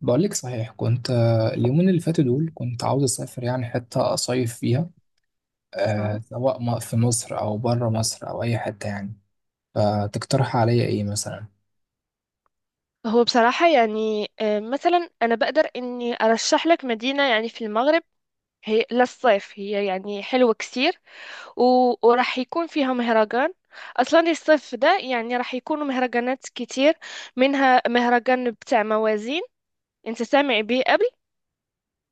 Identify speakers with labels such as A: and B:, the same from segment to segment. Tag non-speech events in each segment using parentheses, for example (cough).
A: بقول لك صحيح كنت اليومين اللي فاتوا دول كنت عاوز اسافر يعني حته اصيف فيها.
B: اه.
A: سواء في مصر او بره مصر او اي حته يعني. فتقترح عليا ايه مثلا؟
B: هو بصراحة يعني مثلا أنا بقدر إني أرشح لك مدينة يعني في المغرب. هي للصيف، هي يعني حلوة كتير. و... وراح يكون فيها مهرجان. أصلا الصيف ده يعني راح يكونوا مهرجانات كتير، منها مهرجان بتاع موازين. أنت سامع بيه قبل؟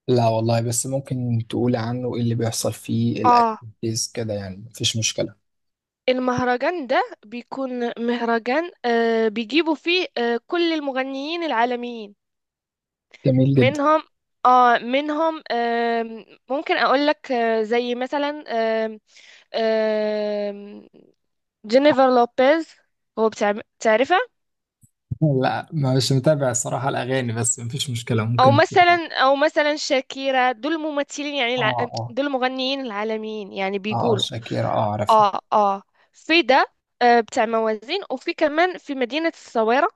A: لا والله، بس ممكن تقول عنه ايه اللي بيحصل فيه
B: آه.
A: الاكتيفيتيز كده؟ يعني مفيش مشكله.
B: المهرجان ده بيكون مهرجان بيجيبوا فيه كل المغنيين العالميين،
A: جميل جدا.
B: منهم. اه، منهم ممكن اقول لك زي مثلا، آم، آم، جينيفر لوبيز. هو بتاع تعرفها.
A: لا، مش متابع الصراحه الاغاني، بس مفيش مشكله ممكن. اه.
B: او مثلا شاكيرا، دول ممثلين يعني،
A: اه،
B: دول مغنيين العالميين يعني
A: اه،
B: بيقولوا.
A: شاكيرا، اه، اعرفها.
B: اه اه. في ده، بتاع موازين. وفي كمان في مدينة الصويرة،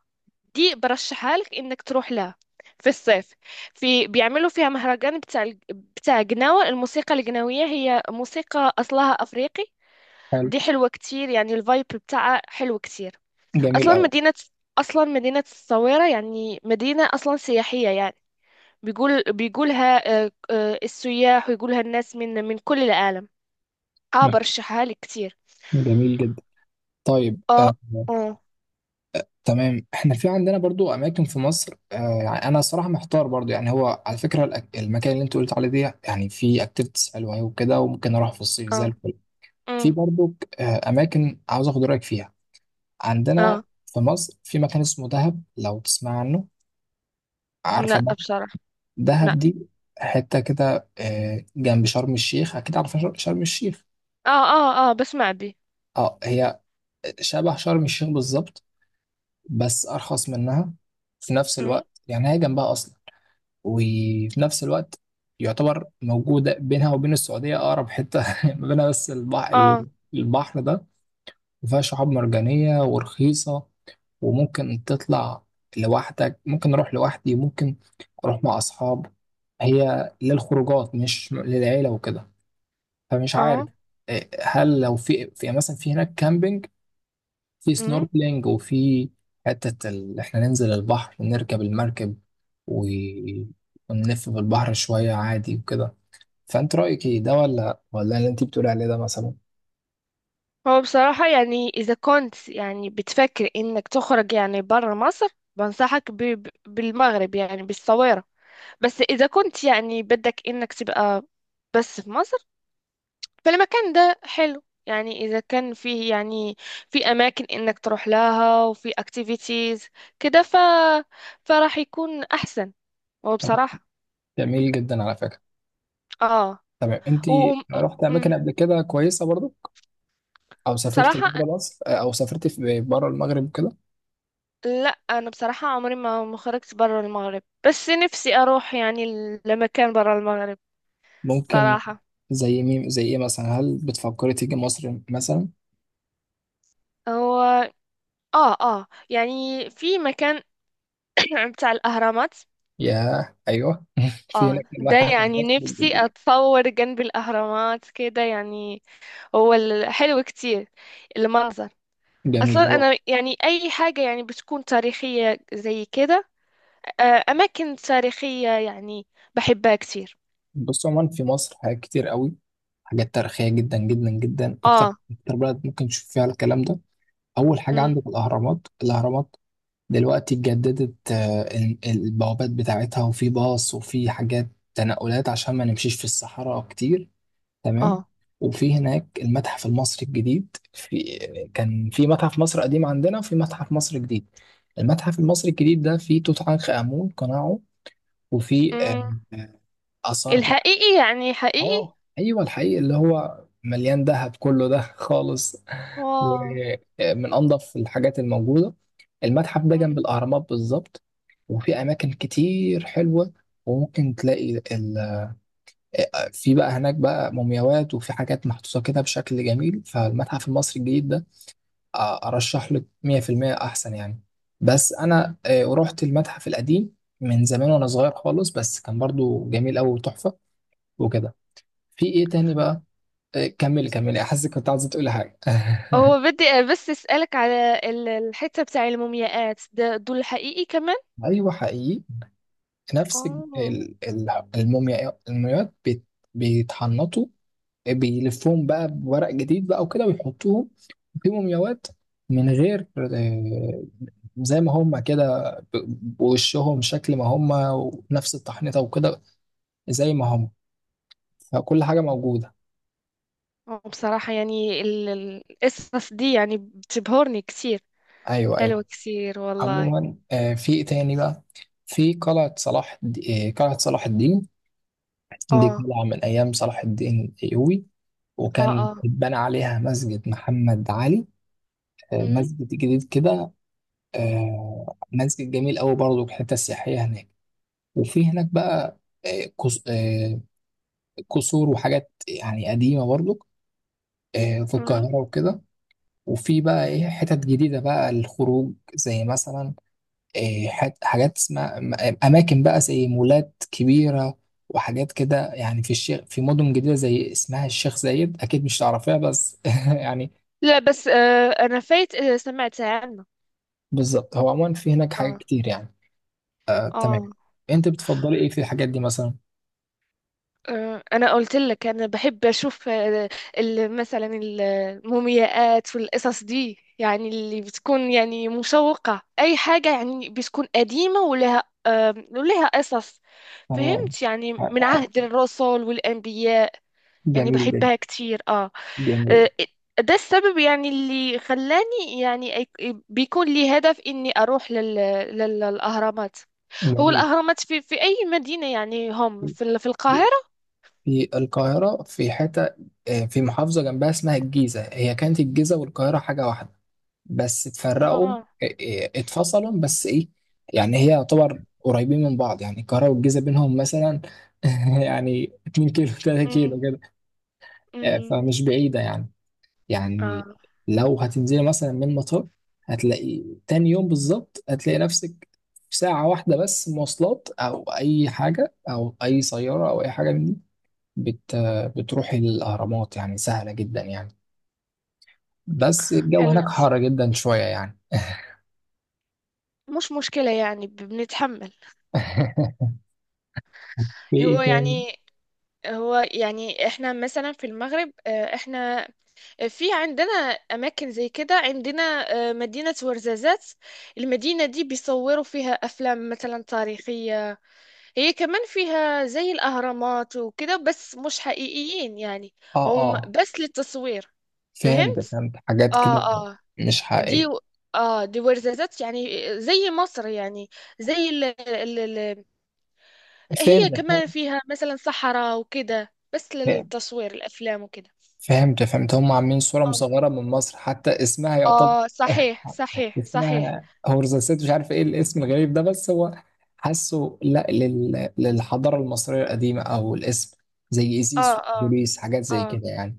B: دي برشحها لك انك تروح لها في الصيف. في بيعملوا فيها مهرجان بتاع بتاع جناوة. الموسيقى الجناوية هي موسيقى أصلها أفريقي.
A: حلو.
B: دي حلوة كتير، يعني الفايب بتاعها حلو كتير.
A: جميل
B: أصلا
A: قوي.
B: مدينة أصلا مدينة الصويرة يعني مدينة أصلا سياحية يعني. بيقولها السياح، ويقولها الناس من كل العالم. اه، برشحها لك كتير.
A: جميل جدا. طيب،
B: اه
A: آه.
B: اه
A: تمام، احنا في عندنا برضو اماكن في مصر، يعني انا صراحه محتار برضو. يعني هو على فكره المكان اللي انت قلت عليه ده يعني في اكتيفيتيز حلوه أوي وكده، وممكن اروح في الصيف زي
B: اه.
A: الفل. في
B: أمم،
A: برضو اماكن عاوز اخد رايك فيها. عندنا
B: اه.
A: في مصر في مكان اسمه دهب، لو تسمع عنه. عارفه
B: لا،
A: ده؟
B: بصراحة. لا.
A: دهب دي، حته كده جنب شرم الشيخ. اكيد عارفه شرم الشيخ.
B: اه اه اه بسمع بي.
A: اه، هي شبه شرم الشيخ بالظبط، بس ارخص منها. في نفس
B: أمم.
A: الوقت يعني هي جنبها اصلا، وفي نفس الوقت يعتبر موجودة بينها وبين السعودية. أقرب حتة (laughs) ما بينها بس البحر،
B: اه
A: البحر ده. وفيها شعاب مرجانية ورخيصة، وممكن تطلع لوحدك، ممكن أروح لوحدي، ممكن أروح مع أصحاب. هي للخروجات مش للعيلة وكده. فمش عارف.
B: اه.
A: إيه، هل لو في مثلا في هناك كامبينج، في
B: امم.
A: سنوركلينج، وفي حتة إحنا ننزل البحر، نركب المركب و... ونلف في البحر شوية عادي وكده. فأنت رأيك إيه ده ولا اللي أنت بتقولي عليه ده مثلا؟
B: هو بصراحة يعني إذا كنت يعني بتفكر إنك تخرج يعني برا مصر، بنصحك بالمغرب يعني بالصويرة. بس إذا كنت يعني بدك إنك تبقى بس في مصر، فالمكان ده حلو يعني إذا كان فيه يعني، في أماكن إنك تروح لها وفي activities كده، فراح يكون أحسن.
A: طب،
B: وبصراحة.
A: جميل جدا على فكرة.
B: اه.
A: تمام، أنت
B: و... و... م-
A: رحت
B: م-
A: أماكن قبل كده كويسة برضو؟ أو سافرت
B: بصراحة،
A: بره مصر؟ أو سافرت في بره المغرب كده؟
B: لا. انا بصراحه عمري ما خرجت برا المغرب، بس نفسي اروح يعني لمكان برا المغرب.
A: ممكن.
B: بصراحه.
A: زي مين، زي إيه مثلا؟ هل بتفكري تيجي مصر مثلا؟
B: هو اه اه يعني في مكان (clears throat) بتاع الاهرامات.
A: ياه، أيوه (laughs) في
B: اه،
A: هناك
B: ده
A: المتحف
B: يعني نفسي
A: المصري
B: اتصور جنب الاهرامات كده يعني. هو حلو كتير المنظر.
A: الجميل
B: اصلا
A: هو.
B: انا يعني اي حاجه يعني بتكون تاريخيه زي كده. اماكن تاريخيه يعني بحبها كتير.
A: بص، عموما في مصر حاجات كتير قوي، حاجات تاريخية جدا جدا جدا، أكتر
B: اه.
A: أكتر بلد ممكن تشوف فيها الكلام ده. أول حاجة
B: امم.
A: عندك الأهرامات، الأهرامات دلوقتي اتجددت، البوابات بتاعتها، وفي باص وفي حاجات تنقلات عشان ما نمشيش في الصحراء كتير. تمام. وفي هناك المتحف المصري الجديد. في كان في متحف مصر قديم عندنا، وفي متحف مصر جديد. المتحف المصري الجديد ده فيه توت عنخ آمون، قناعه وفيه
B: اه.
A: آثار.
B: الحقيقي يعني حقيقي.
A: اه، ايوه، الحقيقي اللي هو مليان ذهب كله ده خالص.
B: واو.
A: ومن انظف الحاجات الموجوده. المتحف ده جنب
B: مم.
A: الاهرامات بالظبط. وفي اماكن كتير حلوه، وممكن تلاقي. في بقى هناك بقى مومياوات، وفي حاجات محطوطه كده بشكل جميل فالمتحف المصري الجديد ده. ارشح لك 100% احسن يعني. بس انا رحت المتحف القديم من زمان وانا صغير خالص، بس كان برضو جميل قوي وتحفه وكده. في ايه تاني بقى؟ إيه، كملي كملي، احس كنت عايزه تقولي حاجه (laughs)
B: هو بدي بس اسألك على الحتة بتاع المومياءات ده، دول حقيقي كمان؟
A: ايوه، حقيقي. نفس ال-
B: اه.
A: ال- الموميا المومياوات بيتحنطوا، بيلفوهم بقى بورق جديد بقى وكده، ويحطوهم في مومياوات من غير، زي ما هم كده بوشهم شكل ما هم، ونفس التحنيطه وكده، زي ما هم. فكل حاجه موجوده.
B: بصراحة يعني القصص دي يعني بتبهرني كتير.
A: ايوه،
B: حلوة
A: ايوه.
B: كتير والله.
A: عموما، في ايه تاني بقى؟ في قلعه صلاح الدين. دي
B: اه
A: قلعة من أيام صلاح الدين الأيوبي،
B: اه
A: وكان
B: اه.
A: اتبنى عليها مسجد محمد علي،
B: مم.
A: مسجد جديد كده، مسجد جميل أوي برضه، الحتة السياحية هناك. وفي هناك بقى آه، قص- آه، قصور وحاجات يعني قديمة برضه، في
B: مم.
A: القاهرة وكده. وفي بقى إيه حتت جديدة بقى للخروج، زي مثلا إيه، حاجات اسمها اماكن بقى زي مولات كبيره، وحاجات كده يعني في مدن جديده زي اسمها الشيخ زايد، اكيد مش تعرفيها بس (laughs) يعني.
B: لا، بس انا فايت. سمعت عنه.
A: بالظبط، هو عموما في هناك حاجات
B: اه
A: كتير يعني. تمام.
B: اه.
A: انت بتفضلي ايه في الحاجات دي مثلا؟
B: انا قلت لك انا بحب اشوف، مثلا المومياءات والقصص دي يعني اللي بتكون يعني مشوقة، اي حاجة يعني بتكون قديمة ولها قصص.
A: تمام.
B: فهمت؟ يعني
A: ح-
B: من
A: ح-
B: عهد الرسل والانبياء. يعني
A: جميل جدا.
B: بحبها كتير، اه.
A: جميل.
B: آه، ده السبب يعني اللي خلاني يعني، بيكون لي هدف اني اروح للاهرامات. هو
A: جميل.
B: الاهرامات في اي مدينة؟ يعني هم في في
A: في
B: القاهرة.
A: في القاهره، في حته في محافظه جنبها اسمها الجيزه. هي كانت الجيزه والقاهره حاجه واحده، بس اتفرقوا.
B: اه.
A: إيه إيه، اتفصلوا بس ايه، يعني هي يعتبر قريبين من بعض. يعني القاهرة والجيزة بينهم مثلا (laughs) يعني 2 كيلو 3 كيلو كده.
B: امم.
A: فمش بعيدة يعني، يعني
B: اه.
A: لو هتنزلي مثلا من المطار، هتلاقي تاني يوم بالظبط هتلاقي نفسك في ساعة واحدة بس، مواصلات أو أي حاجة أو أي سيارة أو أي حاجة من دي، بت بتروحي الأهرامات يعني سهلة جدا يعني. بس الجو
B: حلو
A: هناك حر
B: كتير.
A: جدا شوية يعني.
B: مش مشكلة يعني، بنتحمل.
A: (laughs) في ايه
B: هو
A: تاني؟
B: يعني هو يعني احنا مثلا في المغرب، احنا في عندنا اماكن زي كده عندنا. مدينة ورزازات، المدينة دي بيصوروا فيها افلام مثلا تاريخية. هي كمان فيها زي الاهرامات وكده بس مش حقيقيين يعني،
A: اه،
B: هم
A: اه.
B: بس للتصوير.
A: فهمت،
B: فهمت؟
A: فهمت حاجات كده.
B: اه اه.
A: مش
B: دي
A: حقيقية.
B: اه، دي ورزازات يعني زي مصر يعني. زي ال... ال... ال... هي
A: فهمت،
B: كمان فيها مثلا صحراء وكده بس
A: فهمت،
B: للتصوير الافلام وكده.
A: فهمت، فهمت، هم عاملين صورة
B: اه.
A: مصغرة من مصر، حتى اسمها يعتبر (laughs)
B: صحيح صحيح صحيح.
A: اسمها هورزاسات، مش عارف ايه الاسم الغريب ده، بس هو حاسه لا لل... للحضارة المصرية القديمة او الاسم، زي
B: اه
A: ازيس
B: اه
A: وبوليس، حاجات زي
B: اه
A: كده يعني.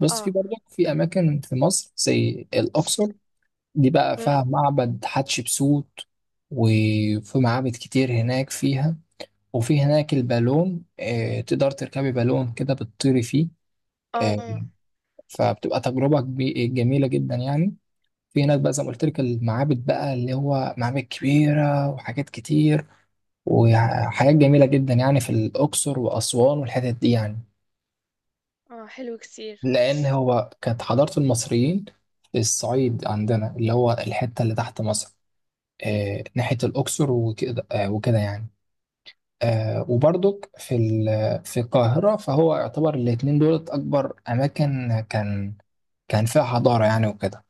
A: بس في
B: اه،
A: برضه في اماكن في مصر زي الاقصر، دي بقى
B: أم؟
A: فيها معبد حتشبسوت، وفي معابد كتير هناك فيها. وفي هناك البالون، تقدر تركبي بالون كده بتطيري فيه،
B: اه
A: آه،
B: اه.
A: فبتبقى تجربة جميلة جدا يعني. في هناك بقى زي ما قلت لك المعابد بقى، اللي هو معابد كبيرة وحاجات كتير، وحاجات جميلة جدا يعني، في الأقصر وأسوان والحتت دي يعني.
B: حلو كثير.
A: لأن هو كانت حضارة المصريين في الصعيد عندنا، اللي هو الحتة اللي تحت مصر، ناحية الأقصر وكده، وكده يعني. وبرضك في القاهرة، فهو يعتبر الاتنين دولت أكبر أماكن كان فيها حضارة يعني وكده.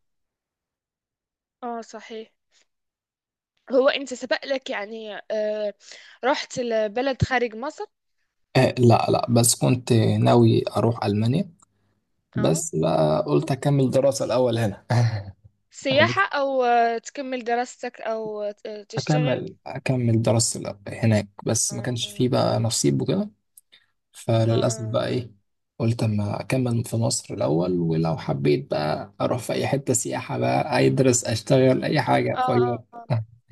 B: اه، صحيح. هو انت سبق لك يعني، رحت لبلد خارج مصر؟
A: لا، لا، بس كنت ناوي أروح ألمانيا،
B: اه،
A: بس بقى قلت أكمل دراسة الأول هنا (laughs) يعني.
B: سياحة او تكمل دراستك او تشتغل؟
A: أكمل دراستي هناك، بس ما كانش
B: اه
A: فيه بقى نصيب وكده. فللأسف
B: اه
A: بقى إيه، قلت أما أكمل في مصر الأول، ولو حبيت بقى أروح في أي حتة سياحة بقى أدرس أشتغل أي حاجة
B: اه اه. آه.
A: (laughs)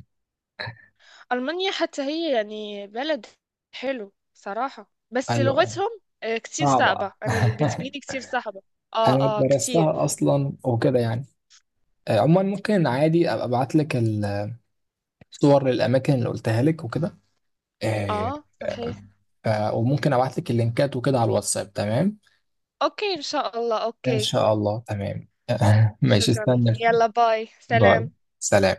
B: ألمانيا حتى هي يعني بلد حلو صراحة، بس
A: ايوه
B: لغتهم كتير
A: صعبة
B: صعبة.
A: (laughs)
B: أنا بتجيلي كتير صعبة. اه
A: أنا
B: اه كتير.
A: درستها أصلا وكده يعني. عموما، ممكن عادي أبقى أبعت لك الصور للأماكن اللي قلتها لك وكده، آه،
B: اه
A: آه،
B: صحيح.
A: وممكن أبعت لك اللينكات وكده على الواتساب. تمام.
B: اوكي، إن شاء الله،
A: إن
B: اوكي.
A: شاء الله. تمام (laughs) ماشي،
B: شكرا.
A: استنى.
B: يلا، باي،
A: باي،
B: سلام.
A: سلام.